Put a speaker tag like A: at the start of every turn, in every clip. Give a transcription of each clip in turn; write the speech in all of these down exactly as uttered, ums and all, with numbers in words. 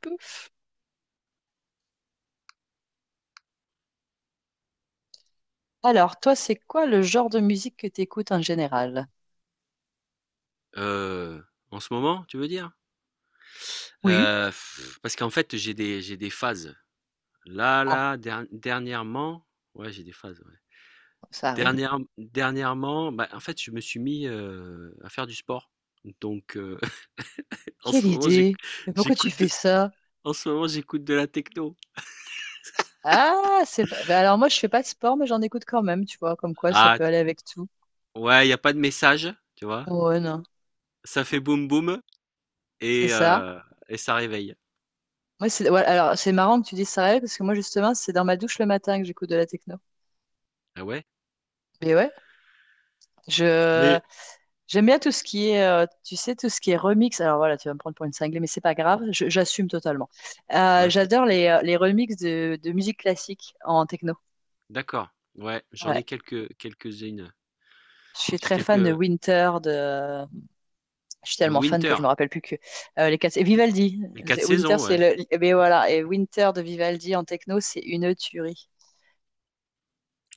A: Peu. Alors, toi, c'est quoi le genre de musique que tu écoutes en général?
B: Heu, En ce moment, tu veux dire?
A: Oui.
B: Heu, Parce qu'en fait, j'ai des j'ai des phases. Là,
A: Ah,
B: là, der dernièrement, ouais, j'ai des phases, ouais.
A: ça arrive.
B: Dernière dernièrement, bah, en fait, je me suis mis, heu, à faire du sport. Donc heu, en
A: Quelle
B: ce moment, j'éc
A: idée. Mais pourquoi tu
B: j'écoute
A: fais
B: de
A: ça?
B: en ce moment, j'écoute de la techno.
A: Ah, c'est pas. Ben alors, moi, je fais pas de sport, mais j'en écoute quand même, tu vois, comme quoi ça
B: Ah
A: peut aller avec tout.
B: ouais, il y a pas de message, tu vois?
A: Ouais, non.
B: Ça fait boum boum
A: C'est
B: et
A: ça.
B: heu et ça réveille.
A: Moi, c'est. Ouais, alors, c'est marrant que tu dises ça, Raël, parce que moi, justement, c'est dans ma douche le matin que j'écoute de la techno.
B: Ah ouais?
A: Mais ouais, je...
B: Mais
A: j'aime bien tout ce qui est, euh, tu sais, tout ce qui est remix. Alors voilà, tu vas me prendre pour une cinglée, mais c'est pas grave, je- j'assume totalement. Euh,
B: ouais,
A: j'adore les, euh, les remixes de, de musique classique en techno.
B: d'accord. Ouais, j'en
A: Ouais.
B: ai quelques quelques-unes.
A: Je suis
B: J'ai
A: très fan de
B: quelques
A: Winter, de... Je suis
B: de
A: tellement fan que je me
B: Winter.
A: rappelle plus que euh, les quatre... Et Vivaldi.
B: Les quatre
A: C'est- Winter,
B: saisons,
A: c'est
B: ouais.
A: le... Eh ben voilà, et Winter de Vivaldi en techno, c'est une tuerie.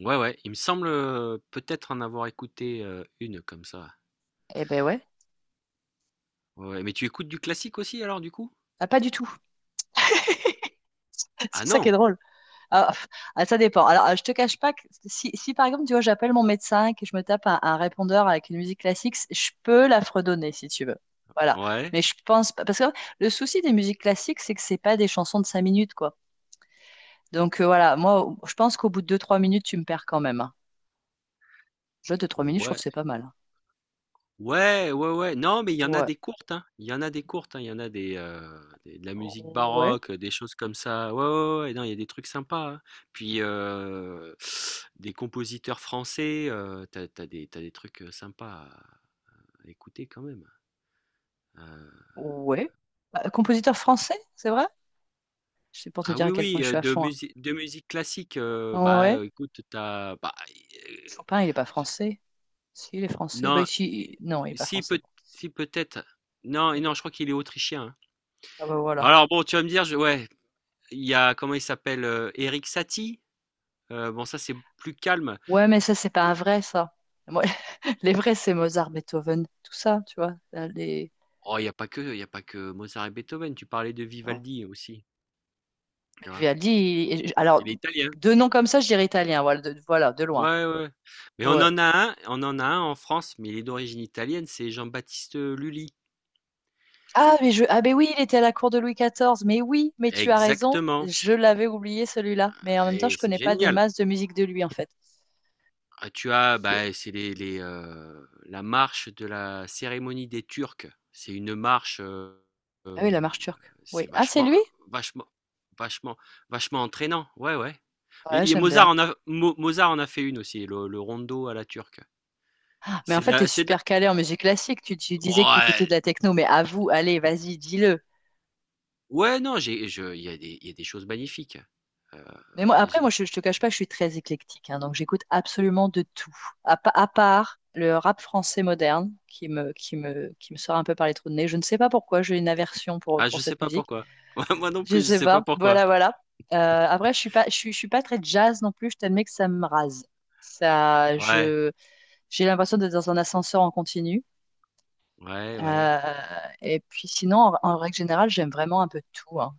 B: Ouais, ouais. Il me semble, heu, peut-être en avoir écouté, heu, un comme ça.
A: Eh ben ouais.
B: Ouais, ouais. Mais tu écoutes du classique aussi alors du coup?
A: Ah, pas du tout.
B: Ah
A: C'est ça qui est
B: non?
A: drôle. Ah, pff, ah, ça dépend. Alors, ah, je te cache pas que si, si, par exemple, tu vois, j'appelle mon médecin et que je me tape un, un répondeur avec une musique classique, c- je peux la fredonner si tu veux. Voilà.
B: Ouais.
A: Mais je pense pas. Parce que le souci des musiques classiques, c'est que c'est pas des chansons de cinq minutes, quoi. Donc, euh, voilà. Moi, au- je pense qu'au bout de deux, trois minutes, tu me perds quand même, hein. Déjà, deux, trois minutes, je trouve que
B: Ouais.
A: c'est pas mal, hein.
B: Ouais, ouais, ouais. Non, mais il y en a
A: Ouais.
B: des courtes, hein. Il y en a des courtes, hein. Il y en a des, heu, des de la musique
A: Ouais.
B: baroque, des choses comme ça. Ouais, ouais, ouais. ouais. Non, il y a des trucs sympas, hein. Puis, heu, des compositeurs français, heu, t'as as des t'as des trucs, heu, sympas à à écouter quand même, hein. Heu,
A: Ouais. Bah, compositeur français, c'est vrai? C'est pour te
B: Ah
A: dire
B: oui,
A: à quel point
B: oui,
A: je
B: heu,
A: suis à
B: de
A: fond,
B: musique de musique classique, heu,
A: hein.
B: bah,
A: Ouais.
B: heu, écoute, t'as bah, heu,
A: Chopin, il est pas
B: je
A: français. Si, il est français. Bah,
B: non,
A: ici,
B: et
A: non, il est pas
B: si
A: français.
B: peut si peut-être. Non et
A: Bon.
B: non, je crois qu'il est autrichien, hein.
A: Ah bah voilà.
B: Alors bon, tu vas me dire, je ouais, il y a comment il s'appelle, heu, Erik Satie, heu, bon ça c'est plus calme.
A: Ouais, mais ça, c'est pas un vrai, ça. Moi, les vrais, c'est Mozart, Beethoven, tout ça, tu vois. Là, Les...
B: Oh, il y a pas que il y a pas que Mozart et Beethoven, tu parlais de
A: Non.
B: Vivaldi aussi,
A: Mais
B: tu vois?
A: Vivaldi, il- alors,
B: Il est italien.
A: deux noms comme ça, je dirais italien, voilà, de, voilà, de loin.
B: Ouais, ouais, ouais. Mais on
A: Ouais.
B: en a un on en a un en France, mais il est d'origine italienne, c'est Jean-Baptiste Lully.
A: Ah, mais je... ah, mais oui, il était à la cour de Louis quatorze. Mais oui, mais tu as raison,
B: Exactement.
A: je l'avais oublié celui-là. Mais en
B: Ah,
A: même temps,
B: et
A: je
B: c'est
A: connais pas des
B: génial.
A: masses de musique de lui, en fait.
B: Ah, tu as,
A: Je-
B: bah, c'est les, les, euh, la marche de la cérémonie des Turcs. C'est une marche, euh,
A: Ah oui,
B: euh,
A: la marche turque. Oui.
B: c'est
A: Ah, c'est
B: vachement,
A: lui?
B: euh, vachement, vachement, vachement entraînant. Ouais, ouais.
A: Ouais,
B: Et, et
A: j'aime
B: Mozart
A: bien.
B: en a, Mo- Mozart en a fait une aussi, le, le rondo à la turque.
A: Ah, mais en
B: C'est de
A: fait, t'es
B: la, c'est de
A: super calé en musique classique. Tu, tu
B: la-
A: disais que t'écoutais
B: ouais,
A: de la techno, mais avoue, allez, vas-y, dis-le.
B: ouais, non, j'ai, je, il y a des, il y a des choses magnifiques. Euh,
A: Mais moi,
B: euh,
A: après, moi,
B: j'ai-
A: je, je te cache pas, je suis très éclectique, hein, donc j'écoute absolument de tout, à, pa- à part le rap français moderne qui me, qui me, qui me sort un peu par les trous de nez. Je ne sais pas pourquoi, j'ai une aversion pour,
B: ah,
A: pour
B: je sais
A: cette
B: pas
A: musique.
B: pourquoi. Ouais, moi non
A: Je
B: plus, je
A: sais
B: sais pas
A: pas.
B: pourquoi.
A: Voilà, voilà. Euh, après, je suis pas, je suis, je suis pas très jazz non plus. Je t'admets que ça me rase. Ça,
B: Ouais,
A: je, j'ai l'impression d'être dans un ascenseur en continu.
B: ouais, ouais.
A: Euh, et puis sinon, en, en règle générale, j'aime vraiment un peu tout, hein.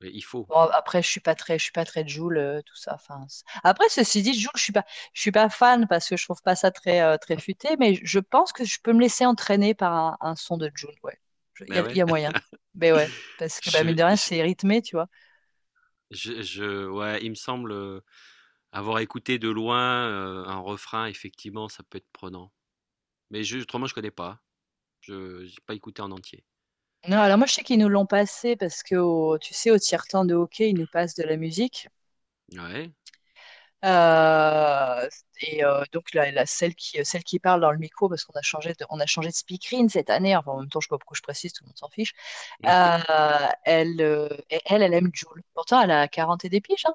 B: Mais il faut.
A: Bon, après, je suis pas très, je suis pas très Jul, euh, tout ça. Enfin, c'est- après, ceci dit, Jul, je suis pas, je suis pas fan parce que je trouve pas ça très, euh, très futé, mais je pense que je peux me laisser entraîner par un, un son de Jul. Ouais, il y
B: Mais
A: a,
B: ouais.
A: y a moyen. Mais ouais, parce que bah, mine
B: Je,
A: de rien, c'est rythmé, tu vois.
B: Je, je, ouais, il me semble, euh, avoir écouté de loin, euh, un refrain, effectivement, ça peut être prenant. Mais je, autrement, je connais pas. Je n'ai pas écouté en entier.
A: Non, alors moi, je sais qu'ils nous l'ont passé parce que, au- tu sais, au tiers-temps de hockey, ils nous passent de la musique.
B: Ouais,
A: Euh, et euh, donc la, la- celle qui, celle qui parle dans le micro, parce qu'on a changé de, on a changé de speakerine cette année. Enfin, en même temps, je sais pas pourquoi je précise, tout le monde s'en fiche. Euh, elle, euh, et elle, elle aime Jules. Pourtant, elle a quarante et des piges, hein.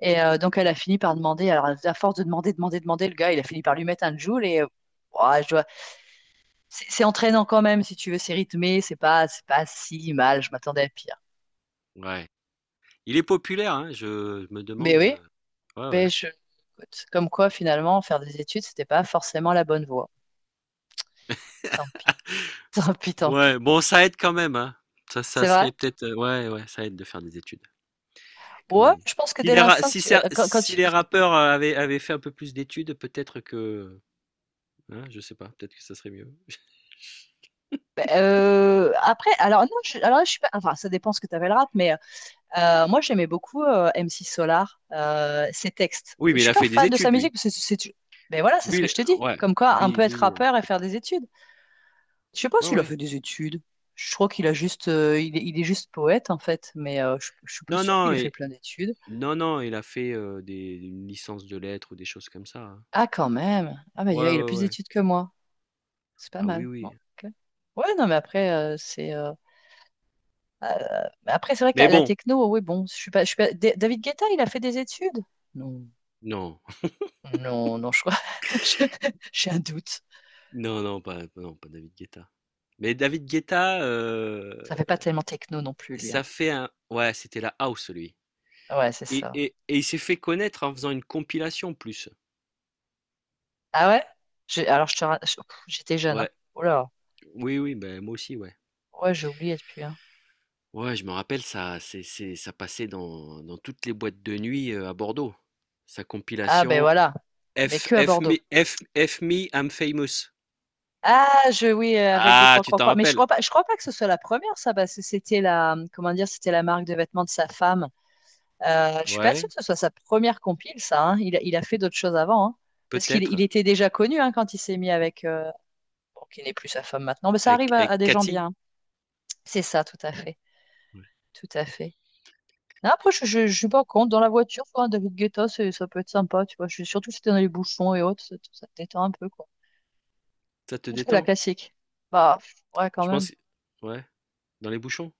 A: Et euh, donc, elle a fini par demander. Alors, à force de demander, demander, demander, le gars, il a fini par lui mettre un Jules. Et euh, ouah, je dois- c'est c'est entraînant quand même, si tu veux. C'est rythmé. C'est pas, c'est pas si mal. Je m'attendais à pire.
B: ouais. Il est populaire, hein, je, je me
A: Mais
B: demande.
A: oui,
B: euh, Ouais,
A: mais
B: ouais.
A: je... écoute, comme quoi, finalement, faire des études, c'était pas forcément la bonne voie. Tant pis. Tant pis, tant pis.
B: Ouais, bon, ça aide quand même, hein. Ça, ça
A: C'est vrai?
B: serait peut-être. euh, Ouais, ouais, ça aide de faire des études, quand
A: Ouais,
B: même.
A: je pense que
B: Si
A: dès
B: les, ra-
A: l'instant que
B: si,
A: tu. Euh,
B: cer-
A: Quand, quand
B: Si
A: tu...
B: les
A: Ouais.
B: rappeurs, euh, avaient, avaient fait un peu plus d'études, peut-être que. Hein, je sais pas, peut-être que ça serait mieux.
A: Ben, euh, après, alors non, je, alors là, je suis pas. Enfin, ça dépend ce que tu avais le rap, mais Euh, moi, j'aimais beaucoup euh, M C Solar, euh, ses textes.
B: Oui,
A: Je
B: mais il
A: suis
B: a
A: pas
B: fait des
A: fan de sa
B: études,
A: musique,
B: lui.
A: parce que c'est, c'est- mais voilà, c'est
B: Lui,
A: ce que je te
B: il-
A: dis.
B: ouais.
A: Comme quoi, un
B: Lui,
A: peu être
B: lui,
A: rappeur et faire des études. Je sais pas
B: Ouais,
A: s'il a
B: ouais.
A: fait des études. Je crois qu'il a juste, euh, il est, il est juste poète en fait, mais euh, je, je suis pas
B: Non,
A: sûre qu'il
B: non,
A: ait fait
B: et...
A: plein d'études.
B: non, non, il a fait euh, des... une licence de lettres ou des choses comme ça, hein.
A: Ah, quand même. Ah, mais
B: Ouais,
A: il a
B: ouais,
A: plus
B: ouais.
A: d'études que moi. C'est pas
B: Ah oui,
A: mal. Non,
B: oui.
A: ok. Ouais, non, mais après, euh, c'est. Euh, euh, mais après, c'est vrai que
B: Mais
A: la, la
B: bon,
A: techno, oui, bon, je suis pas, je suis pas- Da- David Guetta, il a fait des études. Non.
B: non,
A: Non, non, je crois. je- j'ai un doute.
B: non, non, pas, non, pas David Guetta. Mais David Guetta, euh,
A: Ça fait pas tellement techno non plus, lui, hein.
B: ça fait un... Ouais, c'était la house, lui.
A: Ouais, c'est
B: Et,
A: ça.
B: et, et il s'est fait connaître en faisant une compilation plus.
A: Ah ouais? J'ai- Alors, je te... ra- je- pff, j'étais jeune. Hein.
B: Ouais,
A: Oh là.
B: oui, oui, ben moi aussi, ouais.
A: Ouais, j'ai oublié depuis, hein.
B: Ouais, je me rappelle, ça, c'est, c'est, ça passait dans, dans toutes les boîtes de nuit, euh, à Bordeaux. Sa
A: Ah, ben
B: compilation,
A: voilà. Mais
B: F
A: que à
B: F me
A: Bordeaux.
B: F F me I'm famous.
A: Ah, je, oui, euh, avec des
B: Ah,
A: croix,
B: tu
A: croix,
B: t'en
A: croix. Mais je
B: rappelles?
A: crois pas, je crois pas que ce soit la première, ça, parce que c'était la, comment dire, c'était la marque de vêtements de sa femme. Euh, je suis pas
B: Ouais,
A: sûre que ce soit sa première compile, ça, hein. Il, a- il a fait d'autres choses avant, hein. Parce qu'il il
B: peut-être.
A: était déjà connu hein, quand il s'est mis avec, euh, bon, qui n'est plus sa femme maintenant. Mais ça
B: Avec,
A: arrive à
B: avec
A: à des gens
B: Cathy.
A: bien. C'est ça, tout à fait.
B: Ouais.
A: Tout à fait. Non, après, je, je, je suis pas contre. Dans la voiture, quoi, David Guetta, c'est- ça peut être sympa, tu vois. Je, surtout si t'es dans les bouchons et autres, ça, ça te détend un peu, quoi.
B: Ça te
A: Plus que la
B: détend?
A: classique. Bah, pff, ouais, quand
B: Je
A: même.
B: pense. Ouais, dans les bouchons.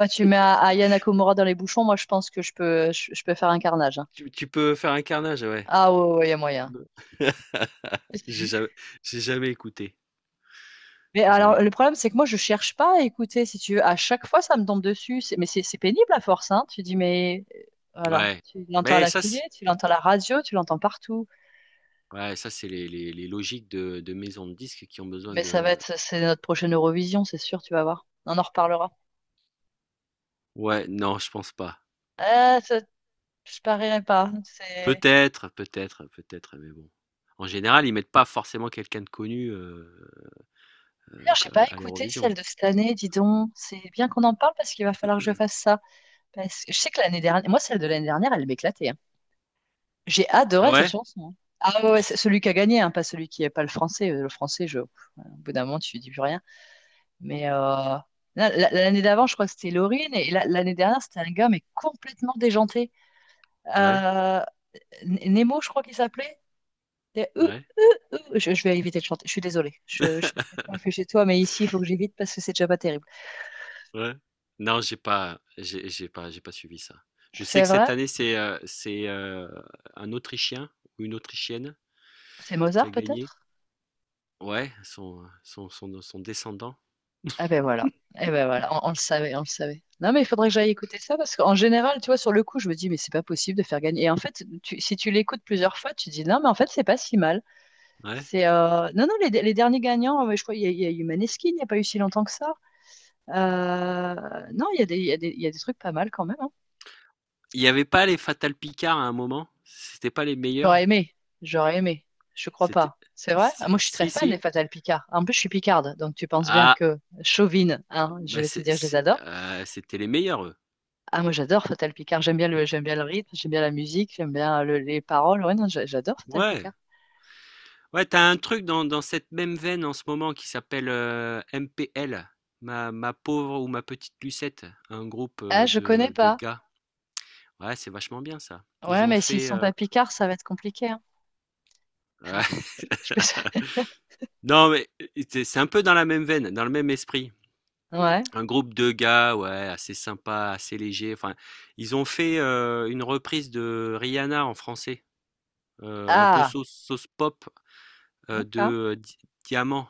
A: Enfin, tu mets A- Aya Nakamura dans les bouchons, moi, je pense que je peux, je, je peux faire un carnage, hein.
B: Tu, tu peux faire un carnage, ouais.
A: Ah ouais, ouais, il y a moyen.
B: J'ai jamais, j'ai jamais écouté.
A: Mais
B: J'ai jamais
A: alors, le
B: écouté.
A: problème, c'est que moi, je cherche pas à écouter, si tu veux. À chaque fois, ça me tombe dessus. C'est- Mais c'est c'est pénible à force, hein. Tu dis, mais euh, voilà.
B: Ouais.
A: Tu l'entends à
B: Mais
A: la
B: ça,
A: télé,
B: c'est,
A: tu l'entends à la radio, tu l'entends partout.
B: ouais, ça, c'est les, les, les logiques de, de maisons de disques qui ont besoin
A: Mais ça va
B: de.
A: être, c'est notre prochaine Eurovision, c'est sûr, tu vas voir. On en reparlera.
B: Ouais, non, je pense pas.
A: Ah, ça, je parierais pas. C'est...
B: Peut-être, peut-être, peut-être, mais bon. En général, ils mettent pas forcément quelqu'un de connu euh,
A: D'ailleurs,
B: euh,
A: j'ai pas
B: à
A: écouté
B: l'Eurovision.
A: celle de cette année, dis donc. C'est bien qu'on en parle parce qu'il va falloir que je fasse ça. Parce que je sais que l'année dernière, moi, celle de l'année dernière, elle m'éclatait, hein. J'ai
B: Ah
A: adoré cette
B: ouais?
A: chanson, hein. Ah ouais, ouais,
B: Je
A: c'est
B: sais-
A: celui qui a gagné, hein, pas celui qui est pas le français. Euh, Le français, je... pff, au bout d'un moment, tu dis plus rien. Mais euh, là, la- l'année d'avant, je crois que c'était Laurine. Et là, l'année dernière, c'était un gars, mais complètement déjanté.
B: Ouais,
A: Euh, N- Nemo, je crois qu'il s'appelait. Des euh,
B: ouais,
A: euh, euh. Je, je vais éviter de chanter. Je suis désolée. Je, je sais pas quel point il fait chez toi, mais ici, il faut que j'évite parce que c'est déjà pas terrible.
B: ouais. Non, j'ai pas, j'ai j'ai pas, j'ai pas suivi ça. Je sais
A: C'est
B: que cette
A: vrai?
B: année, c'est euh, c'est, euh, un Autrichien ou une Autrichienne
A: C'est
B: qui
A: Mozart,
B: a gagné.
A: peut-être?
B: Ouais, son, son, son, son descendant.
A: Ah ben voilà. Eh ben voilà. On, on le savait, on le savait. Non, mais il faudrait que j'aille écouter ça parce qu'en général, tu vois, sur le coup, je me dis, mais c'est pas possible de faire gagner. Et en fait, tu- si tu l'écoutes plusieurs fois, tu te dis, non, mais en fait, c'est pas si mal.
B: Ouais.
A: C'est euh, non, non, les, les derniers gagnants, euh, je crois, il y, a il y a eu Maneskin, il n'y a pas eu si longtemps que ça. Euh, Non, il y a des, il y a des, il y a des trucs pas mal quand même, hein.
B: Il n'y avait pas les Fatal Picard à un moment? C'était pas les meilleurs?
A: J'aurais aimé, j'aurais aimé. Je crois
B: C'était.
A: pas. C'est vrai? Ah, moi,
B: c'est-
A: je suis très
B: Si,
A: fan des
B: si.
A: Fatal Picard. En plus, je suis picarde, donc tu penses bien
B: Ah,
A: que chauvine, hein, je
B: bah
A: vais te
B: c'est-
A: dire, je les
B: c'est-
A: adore.
B: euh, c'était les meilleurs, eux.
A: Ah, moi, j'adore Fatal Picard. J'aime bien le, j'aime bien le rythme, j'aime bien la musique, j'aime bien le- les paroles. Ouais, non, j'a- j'adore Fatal
B: Ouais.
A: Picard.
B: Ouais, t'as un truc dans, dans cette même veine en ce moment qui s'appelle, euh, M P L, ma, ma pauvre ou ma petite Lucette, un groupe,
A: Ah,
B: euh,
A: je connais
B: de, de
A: pas.
B: gars. Ouais, c'est vachement bien ça. Ils
A: Ouais,
B: ont
A: mais s'ils
B: fait.
A: sont
B: Euh,
A: pas picards, ça va être compliqué, hein.
B: ouais.
A: Je, je peux...
B: Non, mais c'est c'est un peu dans la même veine, dans le même esprit.
A: Ouais.
B: Un groupe de gars, ouais, assez sympa, assez léger. Enfin, ils ont fait, euh, une reprise de Rihanna en français, euh, un peu
A: Ah,
B: sauce, sauce pop, euh,
A: d'accord.
B: de euh, Di- Diamant.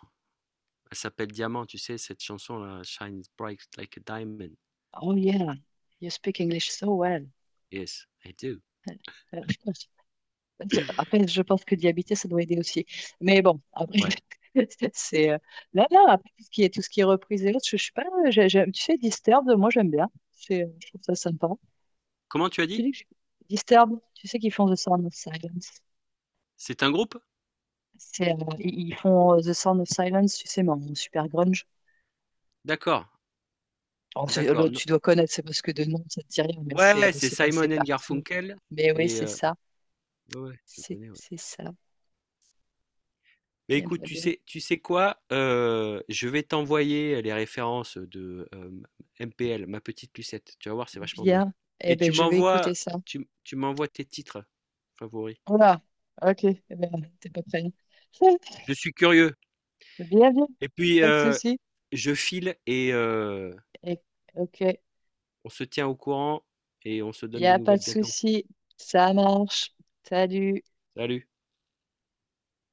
B: Elle s'appelle Diamant, tu sais, cette chanson-là, Shines Bright Like a Diamond.
A: Oh yeah, you speak English so well.
B: Yes, I do.
A: Après, je pense que d'y habiter, ça doit aider aussi. Mais bon, après,
B: Ouais.
A: c'est euh, là, là, après, tout ce qui est, tout ce qui est reprise et autres, je, je suis pas, j'ai- j'aime- tu sais, Disturbed, moi, j'aime bien. C'est, euh, je trouve ça sympa.
B: Comment tu as
A: Tu
B: dit?
A: dis que j'ai- Disturbed, tu sais qu'ils font The Sound of Silence.
B: C'est un groupe?
A: C'est, euh, ils ils font euh, The Sound of Silence, tu sais, mais en super grunge.
B: D'accord,
A: Alors, c'est- là,
B: d'accord. Non.
A: tu dois connaître, c'est parce que de nom, ça te dit rien, mais c'est euh,
B: Ouais, c'est
A: c'est passé
B: Simon and
A: partout.
B: Garfunkel
A: Mais oui,
B: et
A: c'est
B: heu,
A: ça.
B: ouais, ouais, je
A: C'est
B: connais, ouais.
A: c'est ça.
B: Beh,
A: Bien,
B: écoute,
A: bien,
B: tu
A: bien.
B: sais tu sais quoi? Heu, je vais t'envoyer les références de, hem, M P L, Ma Petite Lucette. Tu vas voir, c'est vachement bien,
A: Bien. Eh
B: et
A: ben,
B: tu
A: je vais
B: m'envoies
A: écouter ça.
B: tu tu m'envoies tes titres favoris.
A: Voilà, ok, eh ben, t'es pas prêt.
B: Je suis curieux.
A: Bien, bien,
B: Et puis,
A: pas de
B: heu,
A: souci.
B: je file, et heu,
A: Et- Ok, il
B: on se tient au courant et on se
A: n'y
B: donne des
A: a pas
B: nouvelles
A: de
B: bientôt.
A: souci. Ça marche. Salut.
B: Salut.